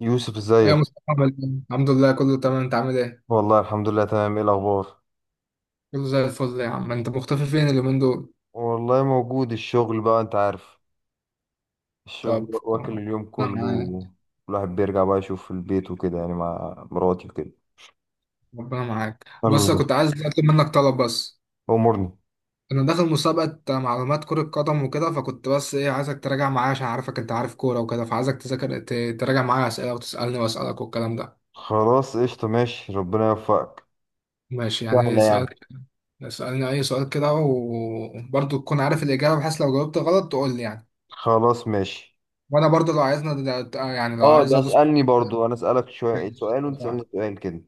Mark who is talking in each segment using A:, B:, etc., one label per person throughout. A: يوسف
B: يا
A: ازيك؟
B: مصطفى، عامل إيه؟ الحمد لله كله تمام. انت عامل ايه؟
A: والله الحمد لله تمام. ايه الاخبار؟
B: كله زي الفل يا عم. انت مختفي فين اليومين دول؟
A: والله موجود. الشغل بقى انت عارف. الشغل
B: طب كويس.
A: واكل اليوم
B: ربنا
A: كله.
B: معاك.
A: الواحد بيرجع بقى يشوف في البيت وكده، يعني مع مراتي وكده.
B: ربنا معاك، بس أنا
A: الله،
B: كنت عايز اطلب منك طلب. بس
A: امورني.
B: انا داخل مسابقة معلومات كرة قدم وكده، فكنت بس ايه، عايزك تراجع معايا عشان عارفك، انت عارف كورة وكده، فعايزك تراجع معايا اسئلة، وتسألني واسألك والكلام ده.
A: خلاص قشطة ماشي، ربنا يوفقك.
B: ماشي، يعني
A: سهلة يعني.
B: اسألني اي سؤال كده، وبرضه تكون عارف الإجابة، بحيث لو جاوبت غلط تقول لي يعني.
A: خلاص ماشي.
B: وانا برضه لو عايزنا، يعني لو
A: اه
B: عايز
A: ده
B: ادوس.
A: اسألني برضو، انا اسألك شوية
B: ماشي.
A: سؤال وانت تسألني سؤال كده.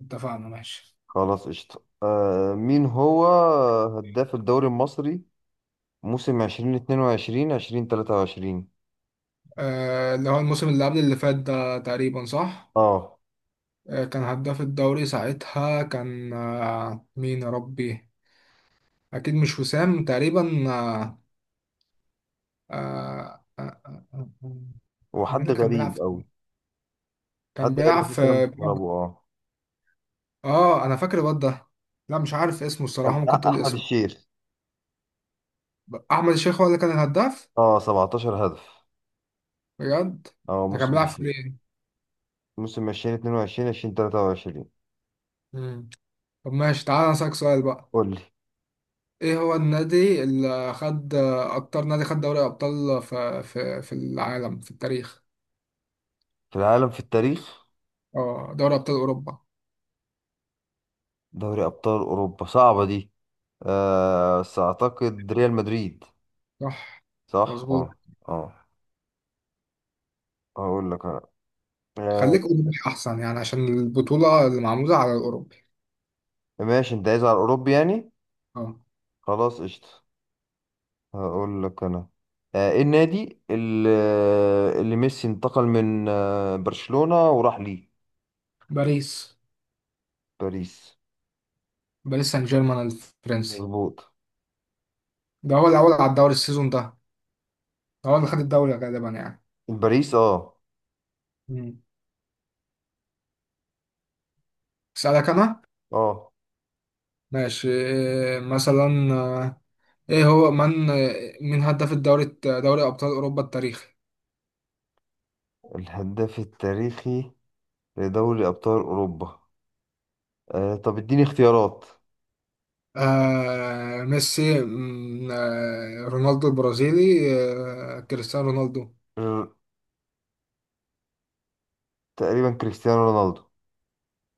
B: اتفقنا، ماشي.
A: خلاص قشطة. مين هو هداف الدوري المصري موسم 2022 2023؟
B: اللي هو الموسم اللي قبل اللي فات ده، تقريبا صح.
A: اه.
B: كان هداف الدوري ساعتها كان، مين يا ربي. اكيد مش وسام تقريبا. آه، آه، آه، آه،
A: هو
B: مين
A: حد
B: اللي كان بيلعب
A: غريب قوي.
B: في-
A: حد
B: كان
A: غريب
B: بيلعب في.
A: بس انا مستغربه
B: اه، انا فاكر الواد ده. لا، مش عارف اسمه الصراحة،
A: كان
B: ممكن تقول
A: احمد
B: اسمه.
A: الشيخ.
B: احمد الشيخ هو اللي كان الهداف.
A: اه 17 هدف.
B: بجد.
A: اه
B: ده كان
A: موسم
B: بيلعب في
A: الشيخ.
B: ايه.
A: موسم 2022 2023.
B: طب ماشي، تعالى اسالك سؤال بقى.
A: قول لي.
B: ايه هو النادي، اللي خد اكتر نادي خد دوري ابطال في في العالم في التاريخ.
A: في العالم في التاريخ.
B: اه، دوري ابطال اوروبا.
A: دوري ابطال اوروبا صعبه دي. آه بس اعتقد ريال مدريد.
B: صح.
A: صح
B: مظبوط.
A: اه. اه. هقول لك انا. آه.
B: خليك اوروبي احسن، يعني عشان البطولة اللي معمولة على الاوروبي.
A: ماشي انت عايز على الاوروبي يعني.
B: اه.
A: خلاص قشطه. هقول لك انا. آه ايه النادي اللي ميسي انتقل من برشلونه وراح ليه؟
B: باريس.
A: باريس.
B: باريس سان جيرمان الفرنسي.
A: مظبوط.
B: ده هو الاول على الدوري السيزون ده. ده هو اللي خد الدوري غالبا يعني.
A: باريس اه.
B: مم. اسالك انا.
A: اه
B: ماشي. إيه مثلا، ايه هو من آه، مين هداف الدوري، دوري ابطال اوروبا التاريخي.
A: الهداف التاريخي لدوري أبطال أوروبا. آه طب اديني اختيارات.
B: ميسي. رونالدو البرازيلي. كريستيانو رونالدو.
A: ر- تقريبا كريستيانو رونالدو.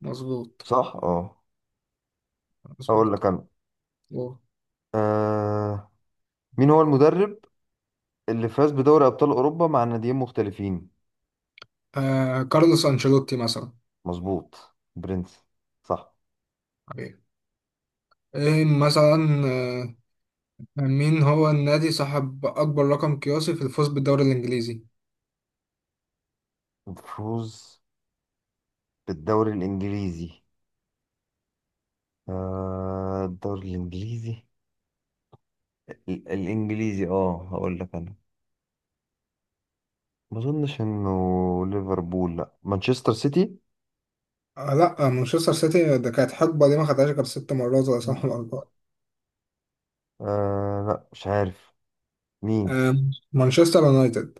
B: مظبوط.
A: صح اه. هقول
B: مظبوط.
A: لك انا.
B: واو.
A: آه مين هو المدرب اللي فاز بدوري أبطال أوروبا مع ناديين مختلفين؟
B: كارلوس أنشيلوتي مثلا.
A: مظبوط برنس. صح.
B: حبيبي. ايه مثلا آه مين هو النادي صاحب أكبر رقم قياسي في الفوز بالدوري الإنجليزي؟
A: الفوز بالدوري الإنجليزي. آه الدوري الإنجليزي. الإنجليزي اه هقول لك انا. ما اظنش انه ليفربول، لا مانشستر سيتي.
B: آه، لا، مانشستر سيتي ده كانت حقبة، دي ما خدهاش غير 6 مرات ولا 7 مرات.
A: آه لا مش عارف. مين؟
B: آه مانشستر يونايتد.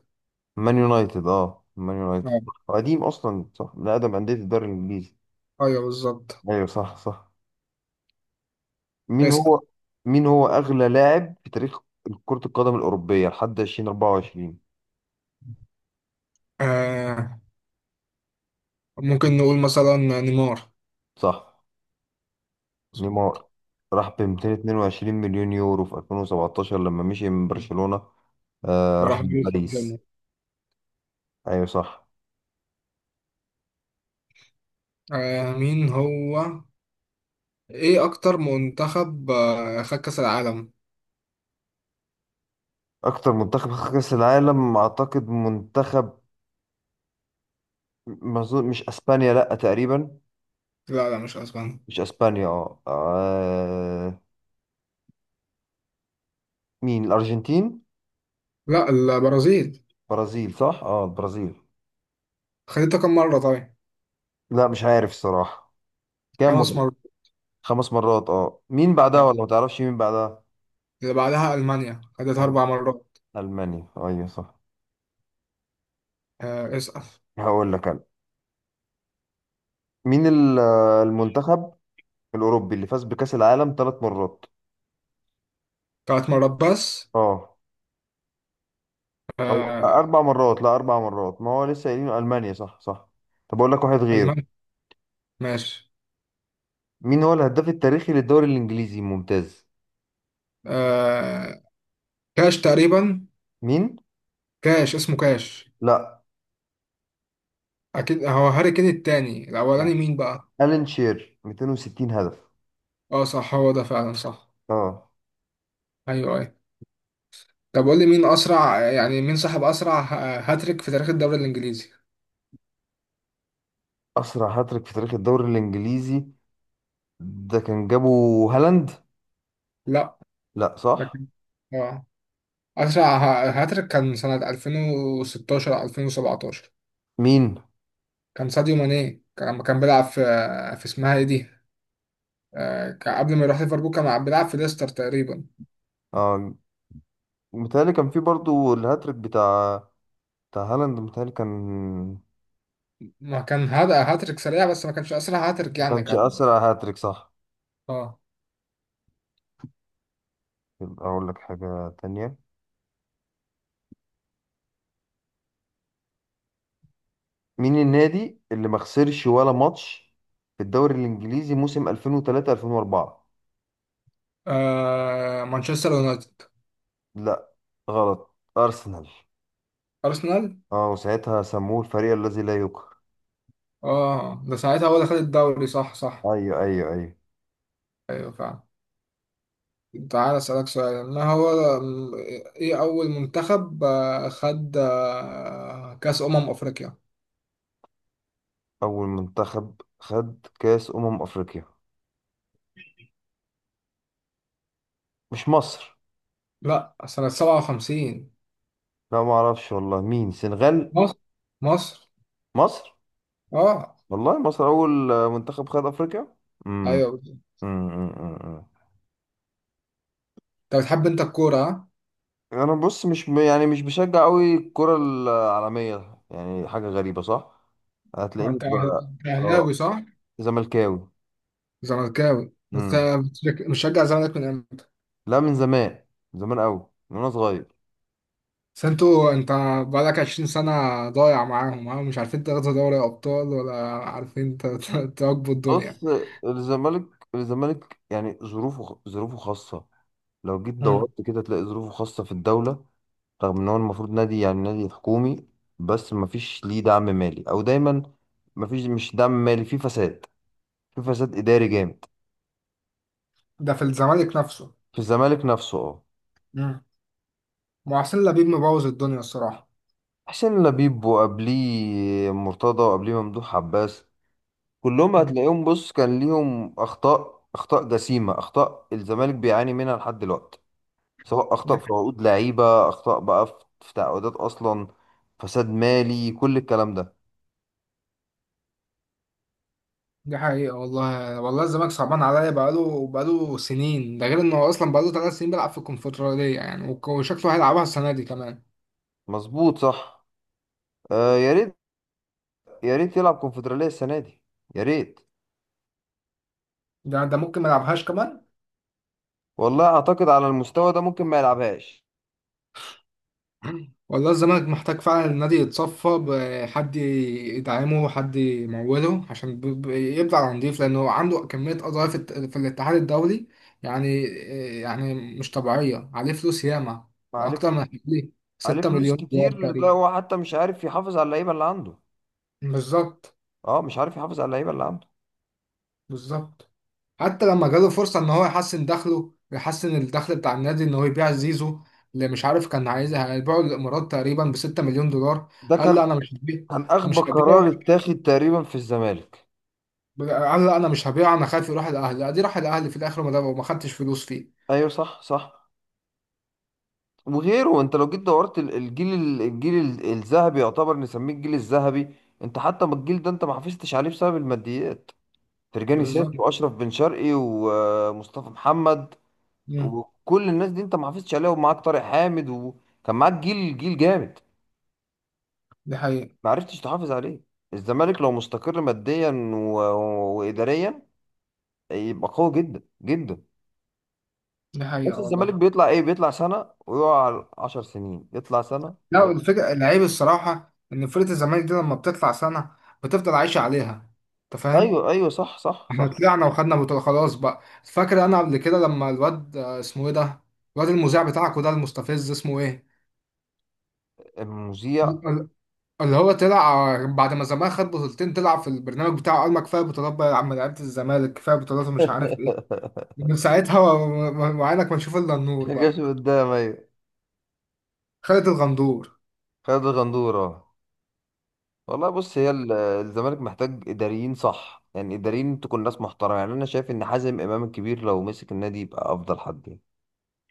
A: مان يونايتد اه مان يونايتد.
B: آه،
A: هو قديم اصلا، صح، من اقدم انديه الدوري الانجليزي.
B: أيوه بالظبط.
A: ايوه صح صح. مين
B: اسأل.
A: هو؟ مين هو اغلى لاعب في تاريخ كرة القدم الاوروبية لحد 2024؟
B: آه ممكن نقول مثلا نيمار.
A: صح.
B: مظبوط.
A: نيمار. راح ب 222 مليون يورو في 2017 لما مشي من برشلونة. آه راح
B: وراح بيس جيم.
A: لباريس. ايوه صح.
B: مين هو ايه اكتر منتخب خد كاس العالم.
A: اكتر منتخب خد كاس العالم اعتقد منتخب ما أظن- مش اسبانيا، لا تقريبا.
B: لا، لا، مش اسبانيا.
A: مش اسبانيا اه مين؟ الارجنتين.
B: لا، البرازيل.
A: برازيل صح. اه البرازيل.
B: خدتها كم مرة طيب.
A: لا مش عارف الصراحة. كام
B: خمس
A: مرة؟
B: مرات
A: 5 مرات. اه مين بعدها؟
B: آه.
A: ولا ما تعرفش مين بعدها.
B: اللي بعدها المانيا، خدتها
A: ألم-
B: 4 مرات.
A: المانيا، ايوه صح.
B: آه، اسأل.
A: هقول لك انا. مين المنتخب الاوروبي اللي فاز بكأس العالم 3 مرات؟
B: 3 مرات بس.
A: اه. او
B: آه.
A: 4 مرات، لا 4 مرات، ما هو لسه قايلين المانيا صح صح. طب اقول لك واحد غيره.
B: المانيا. ماشي.
A: مين هو الهداف التاريخي للدوري الانجليزي الممتاز؟
B: آه كاش تقريبا.
A: مين؟
B: كاش، اسمه كاش.
A: لا.
B: اكيد هو هاري كين التاني، الاولاني
A: آه.
B: مين بقى.
A: ألان شير 260 هدف.
B: اه، صح، هو ده فعلا، صح.
A: اه.
B: ايوه، أيوه. طب قول لي، مين اسرع يعني مين صاحب اسرع هاتريك في تاريخ الدوري الانجليزي.
A: أسرع هاتريك في تاريخ الدوري الإنجليزي. ده كان جابه هالاند.
B: لا.
A: لا
B: ده
A: صح.
B: كان- اه، اسرع هاتريك كان سنة 2016 او 2017.
A: مين؟
B: كان ساديو ماني، كان لما كان بيلعب في، اسمها ايه دي، كان قبل ما يروح ليفربول كان بيلعب في ليستر تقريبا.
A: اه. متهيألي كان في برضو الهاتريك بتاع هالاند، متهيألي كان.
B: ما كان هذا هاتريك سريع، بس ما كانش اسرع هاتريك
A: ما
B: يعني
A: كانش
B: كان.
A: أسرع هاتريك صح.
B: اه.
A: يبقى أقول لك حاجة تانية. مين النادي اللي ما خسرش ولا ماتش في الدوري الإنجليزي موسم 2003 2004؟
B: مانشستر يونايتد.
A: لا غلط. أرسنال.
B: ارسنال.
A: اه وساعتها سموه الفريق الذي لا يقهر.
B: اه، ده ساعتها هو اللي خد الدوري، صح صح.
A: ايوه ايوه ايوه.
B: ايوه فعلا. تعال أسألك سؤال، ما هو م- إيه أول منتخب خد كأس أمم أفريقيا؟
A: أول منتخب خد كأس أمم أفريقيا. مش مصر.
B: لا، سنة 57.
A: لا ما أعرفش والله. مين؟ سنغال؟
B: مصر. مصر.
A: مصر.
B: أه.
A: والله مصر أول منتخب خد أفريقيا. امم.
B: أيوه بالظبط.
A: أمم، أمم، أمم.
B: أنت بتحب الكورة، ها؟
A: أنا بص مش يعني مش بشجع أوي الكرة العالمية، يعني حاجة غريبة صح. هتلاقيني
B: أنت أهلاوي
A: اه
B: صح؟
A: زملكاوي.
B: زملكاوي أنت.
A: امم.
B: مشجع الزمالك من إمتى؟
A: لا من زمان. من زمان أوي. من وأنا صغير.
B: بس أنت بقالك 20 سنة ضايع معاهم، ها؟ مش عارفين تاخدوا دوري أبطال، ولا عارفين تواكبوا
A: بص
B: الدنيا.
A: الزمالك الزمالك يعني ظروفه ظروفه خاصة. لو جيت
B: مم.
A: دورت كده تلاقي ظروفه خاصة في الدولة. رغم ان هو المفروض نادي، يعني نادي حكومي. بس مفيش ليه دعم مالي او دايما. مفيش مش دعم مالي، في فساد. في فساد اداري جامد.
B: ده في الزمالك نفسه.
A: في الزمالك نفسه اه.
B: محسن لبيب مبوظ الدنيا الصراحة.
A: حسين لبيب وقبليه مرتضى وقبليه ممدوح عباس. كلهم
B: مم.
A: هتلاقيهم بص كان ليهم اخطاء اخطاء جسيمة، اخطاء الزمالك بيعاني منها لحد دلوقتي. سواء
B: دي
A: اخطاء في عقود لعيبة، اخطاء بقى في تعاقدات اصلا. فساد مالي كل الكلام ده.
B: دي حقيقة، والله والله الزمالك صعبان عليا، بقاله سنين، ده غير انه أصلا بقاله 3 سنين بيلعب في الكونفدرالية، يعني وشكله هيلعبها السنة دي كمان.
A: مظبوط صح. آه يا ريت. يا ريت يلعب كونفدرالية السنة دي. يا ريت.
B: ده ممكن ما يلعبهاش كمان.
A: والله أعتقد على المستوى ده ممكن ما يلعبهاش.
B: والله الزمالك محتاج فعلا النادي يتصفى، بحد يدعمه، حد يموله، عشان يبدأ على نضيف، لأنه عنده كمية قضايا في في الاتحاد الدولي، يعني، يعني مش طبيعية. عليه فلوس ياما،
A: عليه
B: أكتر
A: فل-
B: من حوالي
A: عليه
B: 6
A: فلوس
B: مليون دولار.
A: كتير. لده هو حتى مش عارف يحافظ على اللعيبة اللي عنده.
B: بالظبط.
A: اه مش عارف يحافظ على اللعيبة اللي عنده.
B: بالظبط. حتى لما جاله فرصة ان هو يحسن الدخل بتاع النادي، ان هو يبيع زيزو، اللي مش عارف كان عايزها، هيبيعه للامارات تقريبا ب 6 مليون دولار.
A: ده
B: قال لا،
A: كان
B: انا
A: كان أغبى
B: مش هبيعه.
A: قرار اتاخد تقريبا في الزمالك.
B: قال لا، انا مش هبيعه، انا خايف يروح الاهلي، ادي راح الاهلي في الاخر، وما خدتش فلوس فيه.
A: أيوه صح صح. وغيره انت لو جيت دورت الجيل الذهبي، يعتبر نسميه الجيل الذهبي. انت حتى ما الجيل ده انت ما حافظتش عليه بسبب الماديات. فرجاني
B: بالظبط.
A: ساسي واشرف بن شرقي ومصطفى محمد.
B: امم
A: وكل الناس دي انت ما حافظتش عليها، ومعاك طارق حامد وكان معاك جيل جيل جامد.
B: دي حقيقة،
A: ما عرفتش تحافظ عليه. الزمالك لو مستقر ماديا و... واداريا يبقى قوي جدا جدا.
B: دي
A: بس
B: حقيقة
A: الزمالك
B: والله.
A: بيطلع ايه، بيطلع سنة ويقع على 10 سنين، يطلع سنة
B: لا،
A: ويقع.
B: والفكرة العيب الصراحة، ان فرقة الزمالك دي لما بتطلع سنة، بتفضل عايشة عليها، انت فاهم.
A: ايوه ايوه صح صح
B: احنا
A: صح.
B: طلعنا وخدنا بطولة، خلاص بقى، فاكر انا قبل كده لما الواد، اسمه ايه ده، الواد المذيع بتاعك وده المستفز، اسمه ايه،
A: المذيع.
B: ال- اللي هو طلع، بعد ما زمان خد بطولتين، طلع في البرنامج بتاعه قال، ما كفايه بطولات بقى يا عم لعيبه الزمالك، كفايه بطولات ومش عارف ايه. من ساعتها وعينك ما تشوف الا النور
A: جاش
B: بقى.
A: قدام ايوه.
B: خالد الغندور.
A: خالد الغندورة. والله بص هي الزمالك محتاج اداريين صح، يعني اداريين تكون ناس محترمه. يعني انا شايف ان حازم امام الكبير لو مسك النادي يبقى افضل حد يعني.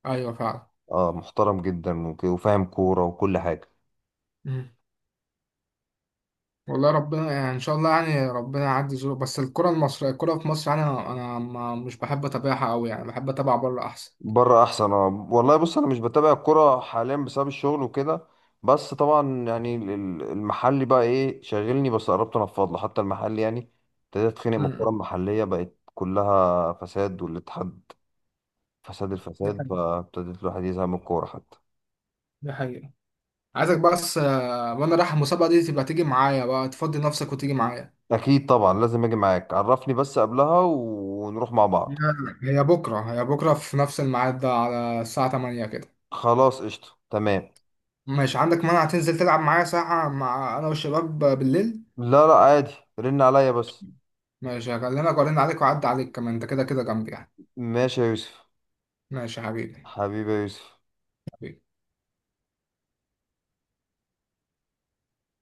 B: ايوه فعلا.
A: اه محترم جدا وفاهم كورة وكل حاجة.
B: مم. والله ربنا، يعني ان شاء الله يعني ربنا يعدي ظروف، بس الكره في مصر يعني، انا ما مش بحب اتابعها قوي يعني، بحب اتابع بره احسن.
A: بره احسن. اه والله بص انا مش بتابع الكورة حاليا بسبب الشغل وكده. بس طبعا يعني المحلي بقى ايه شاغلني، بس قربت انفض له حتى المحلي يعني. ابتديت اتخانق من الكورة
B: مم.
A: المحلية بقت كلها فساد، والاتحاد فساد
B: دي
A: الفساد،
B: حقيقة.
A: فابتديت الواحد يزهق من الكورة حتى.
B: دي حقيقة. عايزك بس، وانا رايح المسابقة دي تبقى تيجي معايا بقى، تفضي نفسك وتيجي معايا.
A: اكيد طبعا لازم اجي معاك، عرفني بس قبلها ونروح مع
B: هي
A: بعض.
B: هي بكرة في نفس الميعاد ده، على الساعة 8 كده.
A: خلاص قشطة تمام.
B: ماشي، عندك مانع تنزل تلعب معايا ساعة مع انا والشباب بالليل؟
A: لا لا عادي. رن عليا بس.
B: ماشي، هكلمك وارن عليك واعدي عليك، كمان انت كده كده جنبي يعني.
A: ماشي يا يوسف.
B: ماشي يا حبيبي.
A: حبيبي يا يوسف.
B: حبيبي.